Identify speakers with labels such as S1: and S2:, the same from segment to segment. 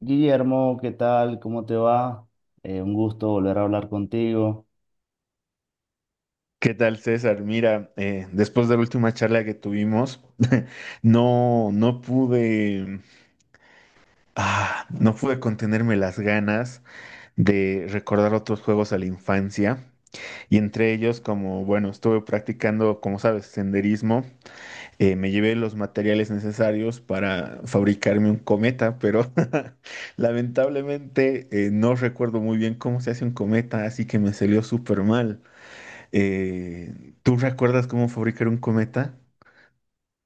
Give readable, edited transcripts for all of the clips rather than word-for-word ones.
S1: Guillermo, ¿qué tal? ¿Cómo te va? Un gusto volver a hablar contigo.
S2: ¿Qué tal, César? Mira, después de la última charla que tuvimos, no, no pude, no pude contenerme las ganas de recordar otros juegos a la infancia. Y entre ellos, como, bueno, estuve practicando, como sabes, senderismo, me llevé los materiales necesarios para fabricarme un cometa, pero lamentablemente no recuerdo muy bien cómo se hace un cometa, así que me salió súper mal. ¿Tú recuerdas cómo fabricar un cometa?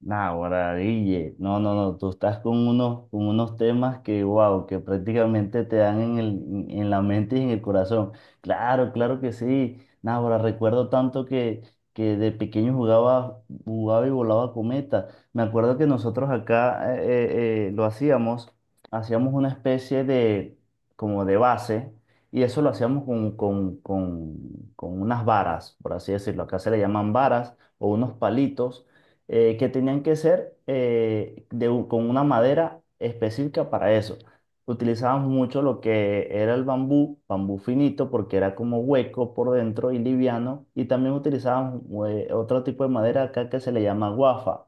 S1: Nah, Guille, no, no, no, tú estás con unos temas que, wow, que prácticamente te dan en en la mente y en el corazón. Claro, claro que sí. Nah, ahora recuerdo tanto que de pequeño jugaba, jugaba y volaba cometa. Me acuerdo que nosotros acá lo hacíamos una especie de, como de base, y eso lo hacíamos con unas varas, por así decirlo. Acá se le llaman varas o unos palitos que tenían que ser con una madera específica para eso. Utilizábamos mucho lo que era el bambú, bambú finito, porque era como hueco por dentro y liviano, y también utilizábamos otro tipo de madera acá que se le llama guafa.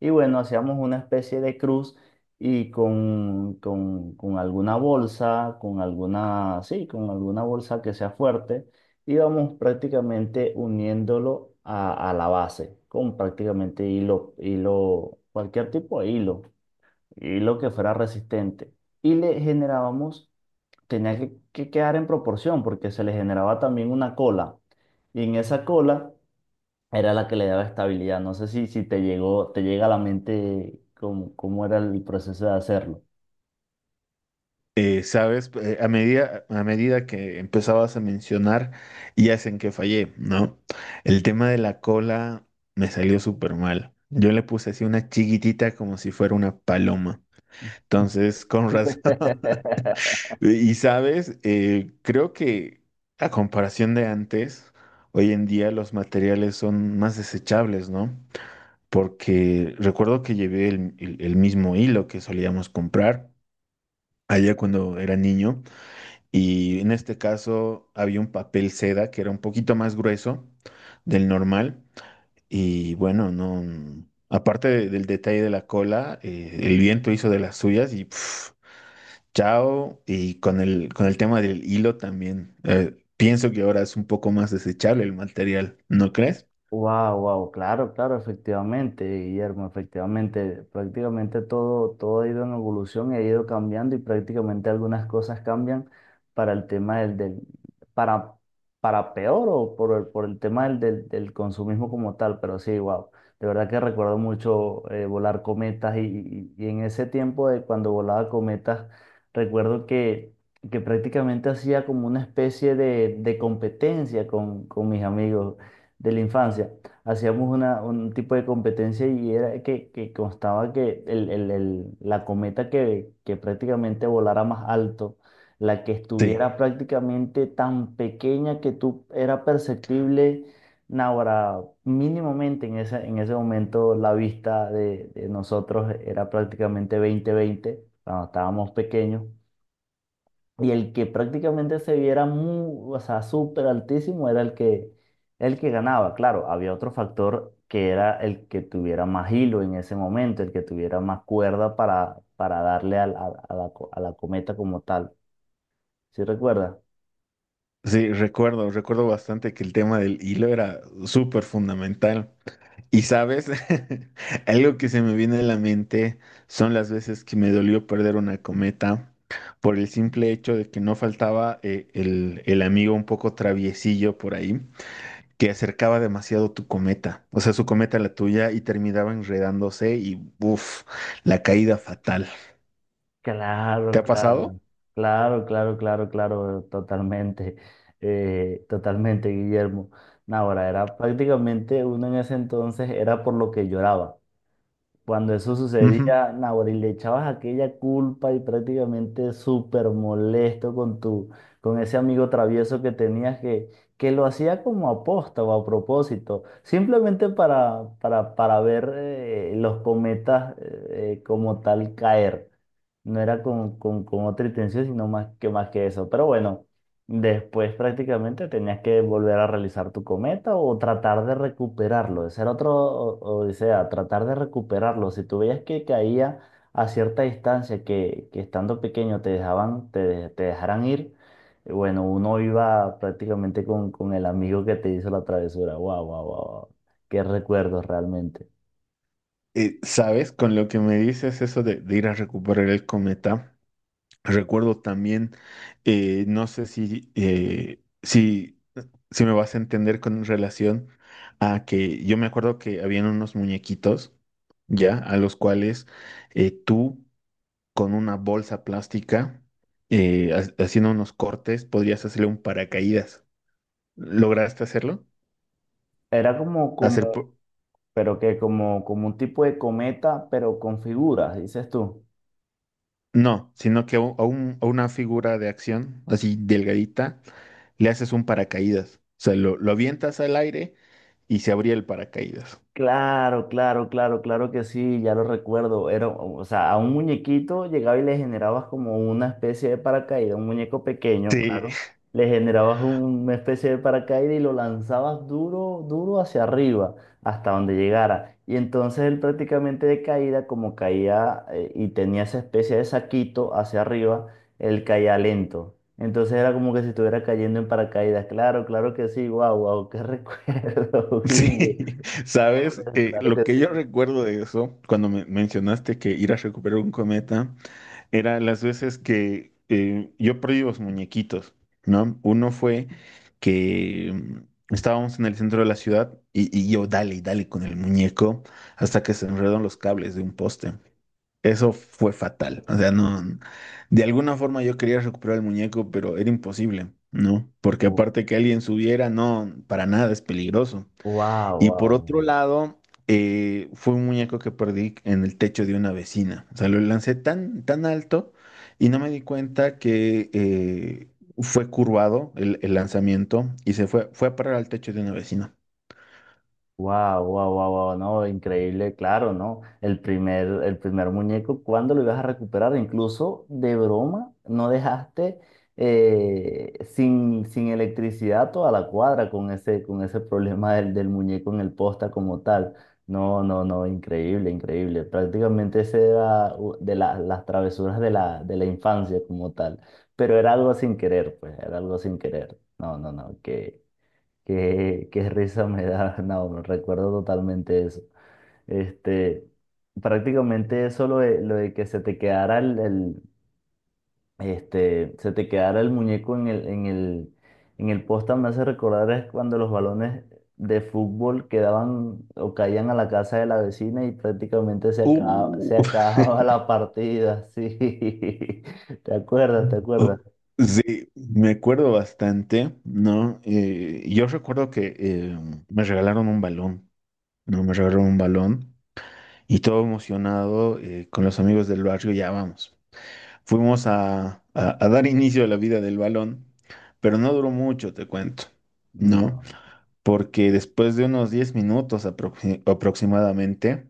S1: Y bueno, hacíamos una especie de cruz y con alguna bolsa, con alguna, sí, con alguna bolsa que sea fuerte, íbamos prácticamente uniéndolo a la base, con prácticamente hilo, hilo, cualquier tipo de hilo, hilo que fuera resistente. Y le generábamos, tenía que quedar en proporción porque se le generaba también una cola. Y en esa cola era la que le daba estabilidad. No sé si te llega a la mente cómo era el proceso de hacerlo.
S2: Sabes, a medida que empezabas a mencionar, ya es en que fallé, ¿no? El tema de la cola me salió súper mal. Yo le puse así una chiquitita como si fuera una paloma. Entonces, con razón. Y sabes, creo que a comparación de antes, hoy en día los materiales son más desechables, ¿no? Porque recuerdo que llevé el mismo hilo que solíamos comprar allá cuando era niño, y en este caso había un papel seda que era un poquito más grueso del normal. Y bueno, no, aparte del detalle de la cola, el viento hizo de las suyas y pf, chao. Y con el tema del hilo también, pienso que ahora es un poco más desechable el material, ¿no crees?
S1: Wow, wow, claro, claro, efectivamente, Guillermo, efectivamente, prácticamente todo, todo ha ido en evolución y ha ido cambiando y prácticamente algunas cosas cambian para el tema del, del para, para peor o por el tema del consumismo como tal, pero sí, wow, de verdad que recuerdo mucho volar cometas y en ese tiempo de cuando volaba cometas, recuerdo que prácticamente hacía como una especie de competencia con mis amigos de la infancia. Hacíamos un tipo de competencia y era que constaba que la cometa que prácticamente volara más alto, la que
S2: Sí.
S1: estuviera prácticamente tan pequeña que tú era perceptible, ahora mínimamente en ese momento la vista de nosotros era prácticamente 20/20 cuando estábamos pequeños. Y el que prácticamente se viera muy, o sea, súper altísimo era el que ganaba. Claro, había otro factor que era el que tuviera más hilo en ese momento, el que tuviera más cuerda para darle a la cometa como tal. ¿Sí recuerda?
S2: Sí, recuerdo bastante que el tema del hilo era súper fundamental. Y sabes, algo que se me viene a la mente son las veces que me dolió perder una cometa por el simple hecho de que no faltaba el amigo un poco traviesillo por ahí, que acercaba demasiado tu cometa, o sea, su cometa a la tuya y terminaba enredándose y, uff, la caída fatal. ¿Te
S1: Claro,
S2: ha
S1: claro,
S2: pasado?
S1: claro, claro, claro, claro, totalmente, totalmente, Guillermo. No, ahora, era prácticamente uno en ese entonces, era por lo que lloraba. Cuando eso
S2: Ujú.
S1: sucedía, Nahuel, y le echabas aquella culpa y prácticamente súper molesto con ese amigo travieso que lo hacía como aposta o a propósito, simplemente para ver los cometas como tal caer. No era con otra intención, sino más que eso. Pero bueno. Después prácticamente tenías que volver a realizar tu cometa o tratar de recuperarlo. Ese era otro, o sea, tratar de recuperarlo. Si tú veías que caía a cierta distancia, que estando pequeño te dejaban, te, de- te dejaran ir, bueno, uno iba prácticamente con el amigo que te hizo la travesura. Wow, wow, wow, qué recuerdos realmente.
S2: ¿Sabes? Con lo que me dices eso de ir a recuperar el cometa. Recuerdo también, no sé si me vas a entender con relación a que yo me acuerdo que habían unos muñequitos, ya, a los cuales tú con una bolsa plástica, haciendo unos cortes, podrías hacerle un paracaídas. ¿Lograste hacerlo?
S1: Era como,
S2: Hacer,
S1: como, pero que como un tipo de cometa, pero con figuras, dices tú.
S2: No, sino que a una figura de acción, así delgadita, le haces un paracaídas. O sea, lo avientas al aire y se abría el paracaídas.
S1: Claro, claro, claro, claro que sí, ya lo recuerdo. Era, o sea, a un muñequito llegaba y le generabas como una especie de paracaídas, un muñeco pequeño,
S2: Sí,
S1: claro. Le generabas una especie de paracaídas y lo lanzabas duro, duro hacia arriba, hasta donde llegara. Y entonces él prácticamente de caída, como caía y tenía esa especie de saquito hacia arriba, él caía lento. Entonces era como que si estuviera cayendo en paracaídas. Claro, claro que sí, guau, guau, qué recuerdo, Guille.
S2: sí,
S1: Claro,
S2: sabes,
S1: claro
S2: lo
S1: que
S2: que yo
S1: sí.
S2: recuerdo de eso, cuando me mencionaste que ir a recuperar un cometa, era las veces que yo perdí los muñequitos, ¿no? Uno fue que estábamos en el centro de la ciudad y, yo dale, y dale con el muñeco hasta que se enredan los cables de un poste. Eso fue fatal. O sea, no, de alguna forma yo quería recuperar el muñeco, pero era imposible, ¿no? Porque aparte que alguien subiera, no, para nada es peligroso.
S1: Wow,
S2: Y por otro
S1: wow.
S2: lado, fue un muñeco que perdí en el techo de una vecina. O sea, lo lancé tan, tan alto y no me di cuenta que fue curvado el lanzamiento y se fue a parar al techo de una vecina.
S1: Wow, wow, wow, wow, no, increíble, claro, ¿no? El primer muñeco, ¿cuándo lo ibas a recuperar? Incluso de broma, no dejaste sin electricidad toda la cuadra con ese problema del muñeco en el posta como tal. No, no, no, increíble, increíble. Prácticamente ese era las travesuras de la infancia como tal. Pero era algo sin querer, pues, era algo sin querer. No, no, no, que. Qué risa me da, no, recuerdo totalmente eso. Este, Prácticamente eso lo de que se te quedara el muñeco en el poste me hace recordar es cuando los balones de fútbol quedaban o caían a la casa de la vecina y prácticamente se acaba,
S2: Uh.
S1: se acababa la partida, sí. ¿Te acuerdas? ¿Te acuerdas?
S2: Oh, sí, me acuerdo bastante, ¿no? Yo recuerdo que me regalaron un balón, ¿no? Me regalaron un balón y todo emocionado con los amigos del barrio, ya vamos. Fuimos a dar inicio a la vida del balón, pero no duró mucho, te cuento, ¿no?
S1: No.
S2: Porque después de unos 10 minutos aproximadamente,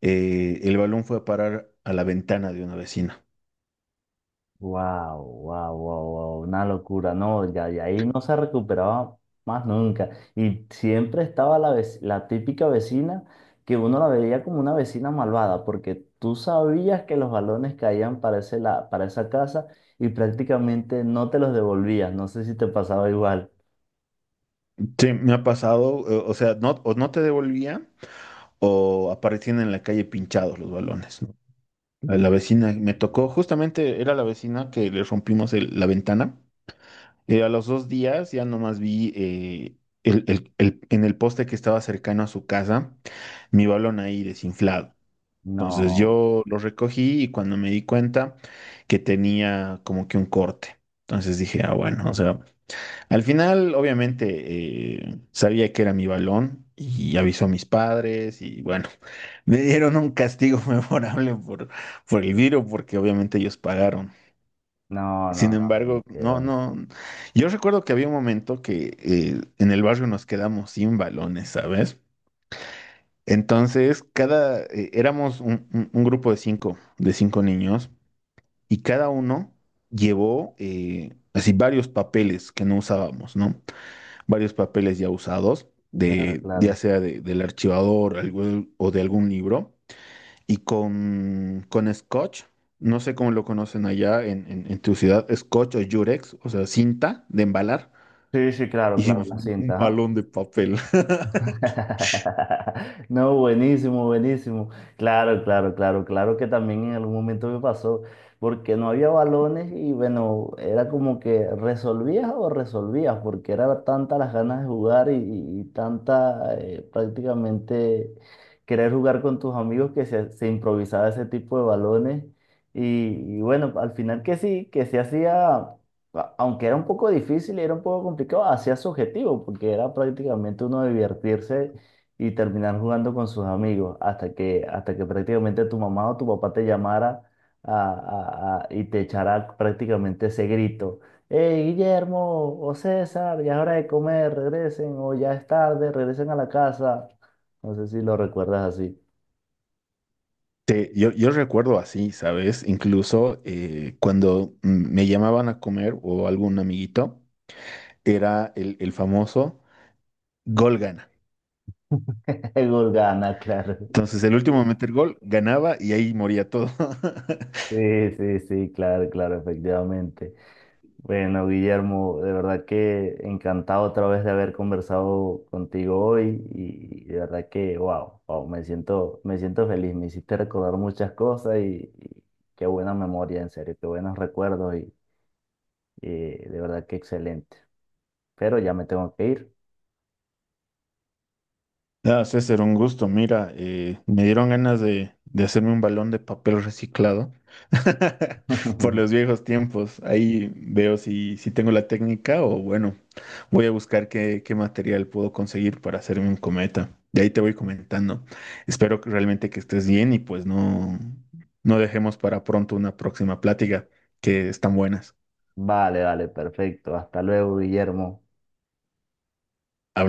S2: el balón fue a parar a la ventana de una vecina.
S1: Wow, wow, wow, wow, una locura, no, ya de ahí no se recuperaba más nunca. Y siempre estaba la típica vecina que uno la veía como una vecina malvada, porque tú sabías que los balones caían para esa casa y prácticamente no te los devolvías. No sé si te pasaba igual.
S2: Sí, me ha pasado, o sea, no, o no te devolvía, o aparecían en la calle pinchados los balones, ¿no? La
S1: Sí.
S2: vecina me tocó, justamente era la vecina que le rompimos la ventana. A los 2 días ya nomás vi en el poste que estaba cercano a su casa mi balón ahí desinflado. Entonces
S1: No,
S2: yo lo recogí y cuando me di cuenta que tenía como que un corte. Entonces dije, ah, bueno, o sea, al final, obviamente, sabía que era mi balón y avisó a mis padres, y bueno, me dieron un castigo memorable por, el virus, porque obviamente ellos pagaron.
S1: no, no,
S2: Sin
S1: no,
S2: embargo, no,
S1: quedó.
S2: no, yo recuerdo que había un momento que en el barrio nos quedamos sin balones, ¿sabes? Entonces, éramos un grupo de cinco niños, y cada uno llevó así varios papeles que no usábamos, ¿no? Varios papeles ya usados,
S1: Claro,
S2: ya
S1: claro.
S2: sea del archivador, o de algún libro, y con, scotch, no sé cómo lo conocen allá en, en tu ciudad, scotch o yurex, o sea, cinta de embalar,
S1: Sí, sí, claro, claro,
S2: hicimos
S1: la
S2: un,
S1: cinta.
S2: un
S1: Ajá.
S2: balón de papel.
S1: No, buenísimo, buenísimo. Claro, claro, claro, claro que también en algún momento me pasó, porque no había balones y bueno, era como que resolvías o resolvías, porque era tanta las ganas de jugar y tanta prácticamente querer jugar con tus amigos que se improvisaba ese tipo de balones. Y bueno, al final que sí, que se hacía aunque era un poco difícil y era un poco complicado, hacía su objetivo, porque era prácticamente uno divertirse y terminar jugando con sus amigos, hasta que prácticamente tu mamá o tu papá te llamara a- y te echara prácticamente ese grito. Hey, Guillermo o César, ya es hora de comer, regresen, o ya es tarde, regresen a la casa. No sé si lo recuerdas así.
S2: Yo recuerdo así, ¿sabes? Incluso cuando me llamaban a comer o algún amiguito, era el famoso gol gana.
S1: Gurgana, claro.
S2: Entonces, el último a meter gol ganaba y ahí moría todo.
S1: Sí, sí, sí, claro, claro, efectivamente. Bueno, Guillermo, de verdad que encantado otra vez de haber conversado contigo hoy y de verdad que, wow, wow, me siento feliz, me hiciste recordar muchas cosas y qué buena memoria, en serio, qué buenos recuerdos y de verdad que excelente. Pero ya me tengo que ir.
S2: Ah, César, un gusto. Mira, me dieron ganas de hacerme un balón de papel reciclado por los viejos tiempos. Ahí veo si tengo la técnica o bueno, voy a buscar qué material puedo conseguir para hacerme un cometa. De ahí te voy comentando. Espero que realmente que estés bien y pues no dejemos para pronto una próxima plática que están buenas.
S1: Vale, vale, perfecto. Hasta luego, Guillermo.
S2: Hablamos.